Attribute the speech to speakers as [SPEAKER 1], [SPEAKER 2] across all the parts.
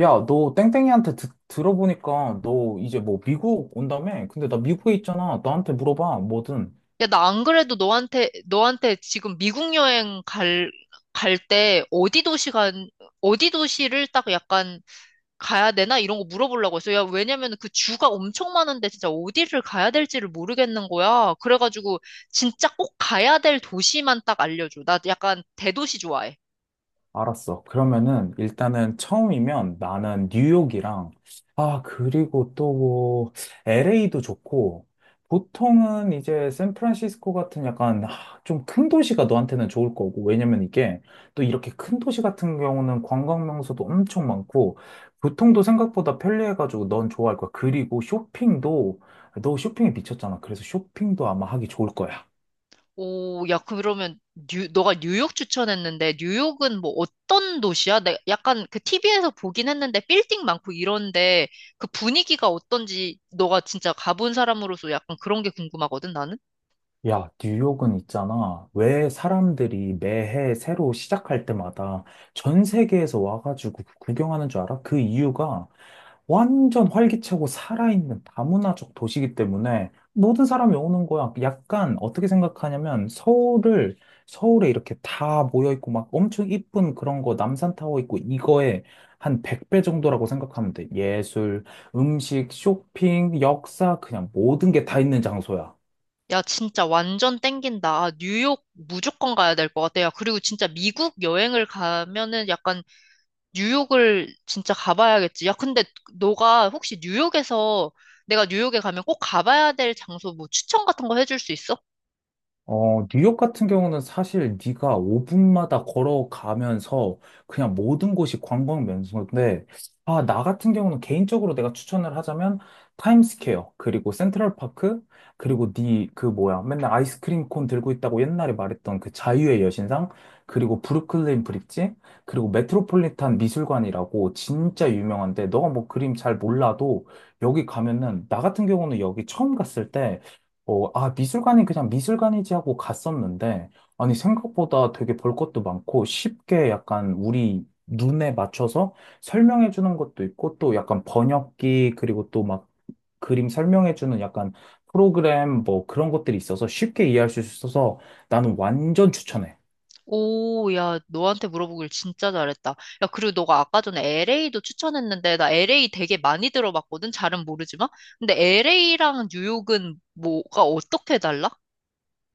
[SPEAKER 1] 야, 너 땡땡이한테 들어보니까 너 이제 뭐 미국 온다며? 근데 나 미국에 있잖아. 나한테 물어봐, 뭐든.
[SPEAKER 2] 야, 나 안 그래도 너한테 지금 미국 여행 갈 때 어디 도시를 딱 약간 가야 되나? 이런 거 물어보려고 했어. 야, 왜냐면 그 주가 엄청 많은데 진짜 어디를 가야 될지를 모르겠는 거야. 그래가지고 진짜 꼭 가야 될 도시만 딱 알려줘. 나 약간 대도시 좋아해.
[SPEAKER 1] 알았어. 그러면은 일단은 처음이면 나는 뉴욕이랑 아 그리고 또 뭐 LA도 좋고 보통은 이제 샌프란시스코 같은 약간 아, 좀큰 도시가 너한테는 좋을 거고 왜냐면 이게 또 이렇게 큰 도시 같은 경우는 관광 명소도 엄청 많고 교통도 생각보다 편리해가지고 넌 좋아할 거야. 그리고 쇼핑도 너 쇼핑에 미쳤잖아. 그래서 쇼핑도 아마 하기 좋을 거야.
[SPEAKER 2] 오, 야, 그러면 너가 뉴욕 추천했는데 뉴욕은 뭐 어떤 도시야? 내 약간 그 TV에서 보긴 했는데 빌딩 많고 이런데 그 분위기가 어떤지 너가 진짜 가본 사람으로서 약간 그런 게 궁금하거든, 나는?
[SPEAKER 1] 야, 뉴욕은 있잖아. 왜 사람들이 매해 새로 시작할 때마다 전 세계에서 와가지고 구경하는 줄 알아? 그 이유가 완전 활기차고 살아있는 다문화적 도시이기 때문에 모든 사람이 오는 거야. 약간 어떻게 생각하냐면 서울을, 서울에 이렇게 다 모여있고 막 엄청 이쁜 그런 거 남산타워 있고 이거에 한 100배 정도라고 생각하면 돼. 예술, 음식, 쇼핑, 역사, 그냥 모든 게 다 있는 장소야.
[SPEAKER 2] 야, 진짜 완전 땡긴다. 아, 뉴욕 무조건 가야 될 것 같아. 야, 그리고 진짜 미국 여행을 가면은 약간 뉴욕을 진짜 가봐야겠지. 야, 근데 너가 혹시 뉴욕에서 내가 뉴욕에 가면 꼭 가봐야 될 장소 뭐 추천 같은 거 해줄 수 있어?
[SPEAKER 1] 어, 뉴욕 같은 경우는 사실 네가 5분마다 걸어가면서 그냥 모든 곳이 관광 명소인데, 아, 나 같은 경우는 개인적으로 내가 추천을 하자면 타임스퀘어, 그리고 센트럴파크, 그리고 네 그 뭐야, 맨날 아이스크림 콘 들고 있다고 옛날에 말했던 그 자유의 여신상, 그리고 브루클린 브릿지, 그리고 메트로폴리탄 미술관이라고 진짜 유명한데, 너가 뭐 그림 잘 몰라도 여기 가면은, 나 같은 경우는 여기 처음 갔을 때 미술관이 그냥 미술관이지 하고 갔었는데, 아니, 생각보다 되게 볼 것도 많고, 쉽게 약간 우리 눈에 맞춰서 설명해 주는 것도 있고, 또 약간 번역기, 그리고 또 막 그림 설명해 주는 약간 프로그램 뭐 그런 것들이 있어서 쉽게 이해할 수 있어서 나는 완전 추천해.
[SPEAKER 2] 오, 야, 너한테 물어보길 진짜 잘했다. 야, 그리고 너가 아까 전에 LA도 추천했는데, 나 LA 되게 많이 들어봤거든? 잘은 모르지만. 근데 LA랑 뉴욕은 뭐가 어떻게 달라?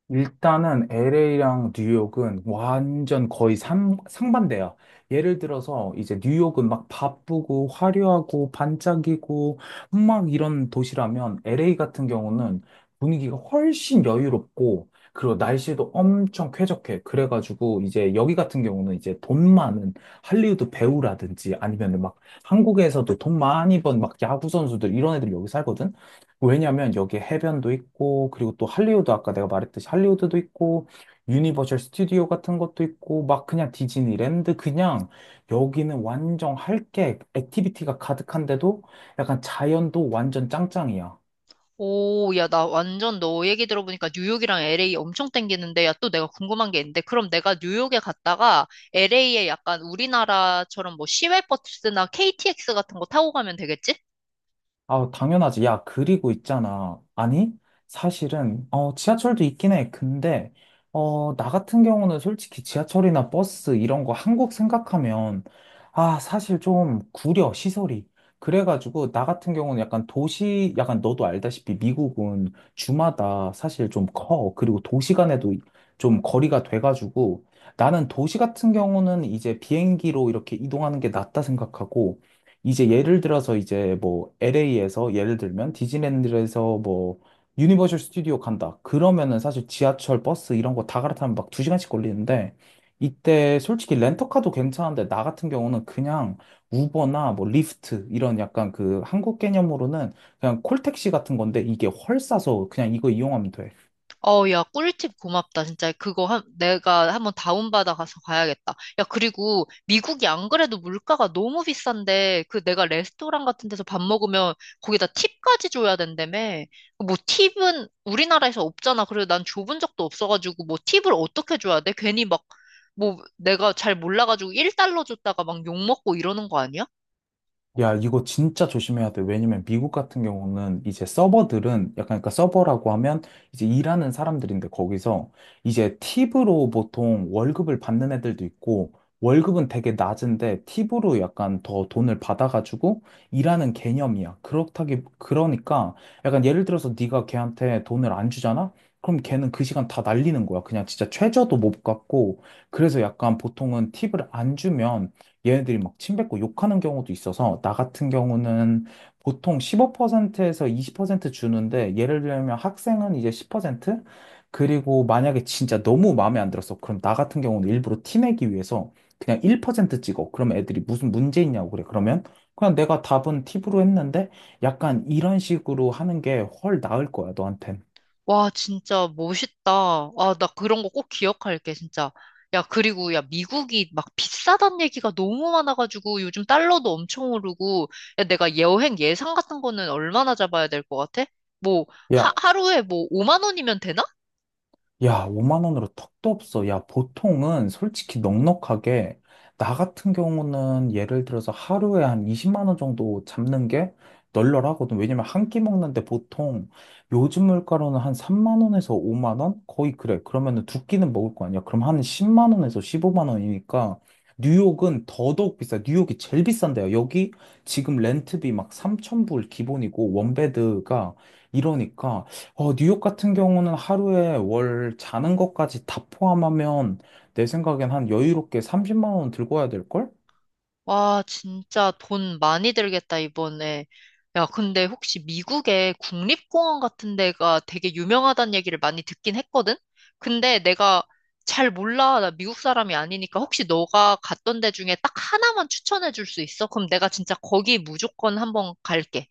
[SPEAKER 1] 일단은 LA랑 뉴욕은 완전 거의 상반돼요. 예를 들어서 이제 뉴욕은 막 바쁘고 화려하고 반짝이고 막 이런 도시라면 LA 같은 경우는 분위기가 훨씬 여유롭고 그리고 날씨도 엄청 쾌적해. 그래가지고 이제 여기 같은 경우는 이제 돈 많은 할리우드 배우라든지 아니면 막 한국에서도 돈 많이 번 막 야구 선수들 이런 애들이 여기 살거든. 왜냐면 여기에 해변도 있고, 그리고 또 할리우드, 아까 내가 말했듯이 할리우드도 있고, 유니버셜 스튜디오 같은 것도 있고, 막 그냥 디즈니랜드, 그냥 여기는 완전 할 게, 액티비티가 가득한데도 약간 자연도 완전 짱짱이야.
[SPEAKER 2] 오, 야, 나 완전 너 얘기 들어보니까 뉴욕이랑 LA 엄청 땡기는데, 야, 또 내가 궁금한 게 있는데, 그럼 내가 뉴욕에 갔다가 LA에 약간 우리나라처럼 뭐 시외버스나 KTX 같은 거 타고 가면 되겠지?
[SPEAKER 1] 아, 당연하지. 야, 그리고 있잖아. 아니, 사실은, 지하철도 있긴 해. 근데, 나 같은 경우는 솔직히 지하철이나 버스 이런 거 한국 생각하면, 아, 사실 좀 구려, 시설이. 그래가지고, 나 같은 경우는 약간 도시, 약간 너도 알다시피 미국은 주마다 사실 좀 커. 그리고 도시 간에도 좀 거리가 돼가지고, 나는 도시 같은 경우는 이제 비행기로 이렇게 이동하는 게 낫다 생각하고, 이제 예를 들어서 이제 뭐 LA에서 예를 들면 디즈니랜드에서 뭐 유니버셜 스튜디오 간다. 그러면은 사실 지하철, 버스 이런 거 다 갈아타면 막 두시간씩 걸리는데 이때 솔직히 렌터카도 괜찮은데 나 같은 경우는 그냥 우버나 뭐 리프트 이런 약간 그 한국 개념으로는 그냥 콜택시 같은 건데 이게 훨 싸서 그냥 이거 이용하면 돼.
[SPEAKER 2] 어, 야, 꿀팁 고맙다. 진짜 그거 내가 한번 다운받아 가서 가야겠다. 야, 그리고 미국이 안 그래도 물가가 너무 비싼데 그 내가 레스토랑 같은 데서 밥 먹으면 거기다 팁까지 줘야 된다며. 뭐 팁은 우리나라에서 없잖아. 그리고 난 줘본 적도 없어가지고 뭐 팁을 어떻게 줘야 돼? 괜히 막 뭐 내가 잘 몰라가지고 1달러 줬다가 막 욕먹고 이러는 거 아니야?
[SPEAKER 1] 야, 이거 진짜 조심해야 돼. 왜냐면 미국 같은 경우는 이제 서버들은 약간 그러니까 서버라고 하면 이제 일하는 사람들인데 거기서 이제 팁으로 보통 월급을 받는 애들도 있고 월급은 되게 낮은데 팁으로 약간 더 돈을 받아가지고 일하는 개념이야. 그렇다기 그러니까 약간 예를 들어서 네가 걔한테 돈을 안 주잖아? 그럼 걔는 그 시간 다 날리는 거야. 그냥 진짜 최저도 못 갚고 그래서 약간 보통은 팁을 안 주면 얘네들이 막 침뱉고 욕하는 경우도 있어서 나 같은 경우는 보통 15%에서 20% 주는데 예를 들면 학생은 이제 10% 그리고 만약에 진짜 너무 마음에 안 들었어. 그럼 나 같은 경우는 일부러 티내기 위해서 그냥 1% 찍어. 그럼 애들이 무슨 문제 있냐고 그래. 그러면 그냥 내가 답은 팁으로 했는데 약간 이런 식으로 하는 게 훨 나을 거야, 너한텐.
[SPEAKER 2] 와, 진짜 멋있다. 아, 나 그런 거 꼭 기억할게, 진짜. 야, 그리고 야, 미국이 막 비싸단 얘기가 너무 많아가지고 요즘 달러도 엄청 오르고, 야, 내가 여행 예상 같은 거는 얼마나 잡아야 될 것 같아? 뭐, 하루에 뭐 5만 원이면 되나?
[SPEAKER 1] 야, 5만 원으로 턱도 없어. 야, 보통은 솔직히 넉넉하게, 나 같은 경우는 예를 들어서 하루에 한 20만 원 정도 잡는 게 널널하거든. 왜냐면 한 끼 먹는데 보통 요즘 물가로는 한 3만 원에서 5만 원? 거의 그래. 그러면은 두 끼는 먹을 거 아니야. 그럼 한 10만 원에서 15만 원이니까 뉴욕은 더더욱 비싸. 뉴욕이 제일 비싼데요. 여기 지금 렌트비 막 3천 불 기본이고 원베드가 이러니까 어, 뉴욕 같은 경우는 하루에 월 자는 것까지 다 포함하면 내 생각엔 한 여유롭게 30만 원 들고 와야 될걸?
[SPEAKER 2] 와, 진짜 돈 많이 들겠다, 이번에. 야, 근데 혹시 미국에 국립공원 같은 데가 되게 유명하다는 얘기를 많이 듣긴 했거든? 근데 내가 잘 몰라. 나 미국 사람이 아니니까 혹시 너가 갔던 데 중에 딱 하나만 추천해 줄 수 있어? 그럼 내가 진짜 거기 무조건 한번 갈게.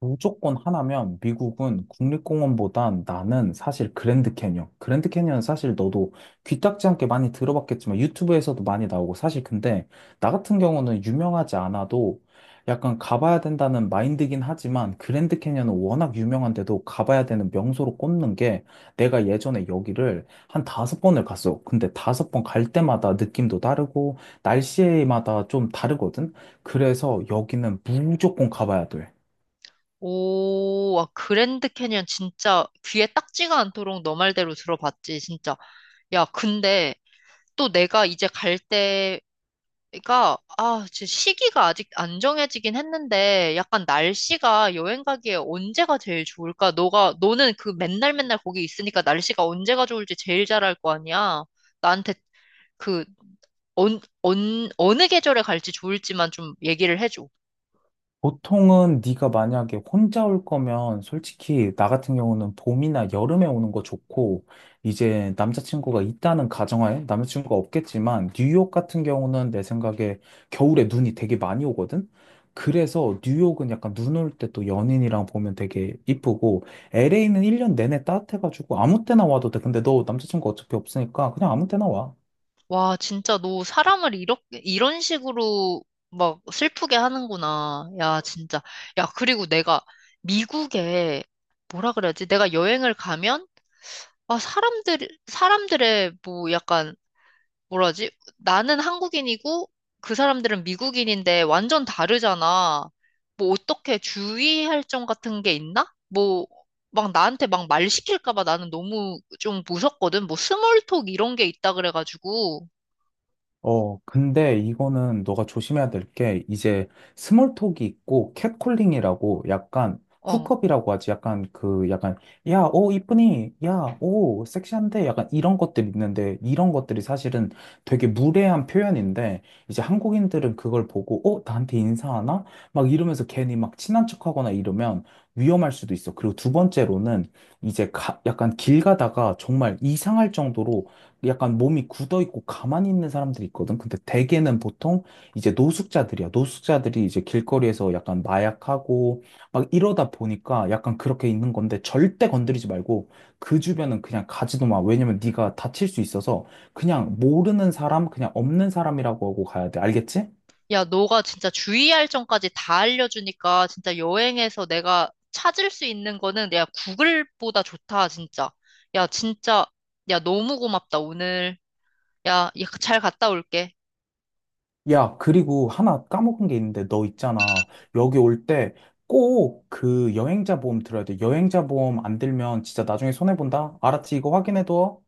[SPEAKER 1] 무조건 하나면 미국은 국립공원보단 나는 사실 그랜드 캐니언. 그랜드 캐니언은 사실 너도 귀딱지 않게 많이 들어봤겠지만 유튜브에서도 많이 나오고 사실 근데 나 같은 경우는 유명하지 않아도 약간 가봐야 된다는 마인드긴 하지만 그랜드 캐니언은 워낙 유명한데도 가봐야 되는 명소로 꼽는 게 내가 예전에 여기를 한 다섯 번을 갔어. 근데 다섯 번 갈 때마다 느낌도 다르고 날씨마다 좀 다르거든. 그래서 여기는 무조건 가봐야 돼.
[SPEAKER 2] 오, 와, 그랜드 캐니언 진짜 귀에 딱지가 않도록 너 말대로 들어봤지, 진짜. 야, 근데 또 내가 이제 갈때 그러니까 아, 지 시기가 아직 안 정해지긴 했는데 약간 날씨가 여행 가기에 언제가 제일 좋을까? 너가 너는 그 맨날 맨날 거기 있으니까 날씨가 언제가 좋을지 제일 잘 알 거 아니야. 나한테 그 어느 계절에 갈지 좋을지만 좀 얘기를 해줘.
[SPEAKER 1] 보통은 네가 만약에 혼자 올 거면 솔직히 나 같은 경우는 봄이나 여름에 오는 거 좋고 이제 남자친구가 있다는 가정하에 남자친구가 없겠지만 뉴욕 같은 경우는 내 생각에 겨울에 눈이 되게 많이 오거든. 그래서 뉴욕은 약간 눈 올 때 또 연인이랑 보면 되게 이쁘고 LA는 1년 내내 따뜻해가지고 아무 때나 와도 돼. 근데 너 남자친구 어차피 없으니까 그냥 아무 때나 와.
[SPEAKER 2] 와, 진짜 너 사람을 이렇게 이런 식으로 막 슬프게 하는구나. 야, 진짜. 야, 그리고 내가 미국에 뭐라 그래야지? 내가 여행을 가면 아, 사람들, 사람들의 뭐 약간, 뭐라지? 나는 한국인이고 그 사람들은 미국인인데 완전 다르잖아. 뭐 어떻게 주의할 점 같은 게 있나? 뭐, 막 나한테 막 말 시킬까 봐 나는 너무 좀 무섭거든. 뭐 스몰톡 이런 게 있다 그래가지고,
[SPEAKER 1] 어, 근데 이거는 너가 조심해야 될 게, 이제 스몰톡이 있고, catcalling이라고 약간,
[SPEAKER 2] 어.
[SPEAKER 1] 훅업이라고 하지. 약간 그, 약간, 야, 오, 이쁘니? 야, 오, 섹시한데? 약간 이런 것들 있는데, 이런 것들이 사실은 되게 무례한 표현인데, 이제 한국인들은 그걸 보고, 어, 나한테 인사하나? 막 이러면서 괜히 막 친한 척하거나 이러면 위험할 수도 있어. 그리고 두 번째로는, 이제 약간 길 가다가 정말 이상할 정도로 약간 몸이 굳어 있고 가만히 있는 사람들이 있거든. 근데 대개는 보통 이제 노숙자들이야. 노숙자들이 이제 길거리에서 약간 마약하고 막 이러다 보니까 약간 그렇게 있는 건데 절대 건드리지 말고 그 주변은 그냥 가지도 마. 왜냐면 네가 다칠 수 있어서 그냥 모르는 사람, 그냥 없는 사람이라고 하고 가야 돼. 알겠지?
[SPEAKER 2] 야, 너가 진짜 주의할 점까지 다 알려주니까 진짜 여행에서 내가 찾을 수 있는 거는 내가 구글보다 좋다, 진짜. 야, 진짜, 야, 너무 고맙다, 오늘. 야, 야, 잘 갔다 올게.
[SPEAKER 1] 야, 그리고 하나 까먹은 게 있는데 너 있잖아. 여기 올 때 꼭 그 여행자 보험 들어야 돼. 여행자 보험 안 들면 진짜 나중에 손해본다. 알았지? 이거 확인해둬.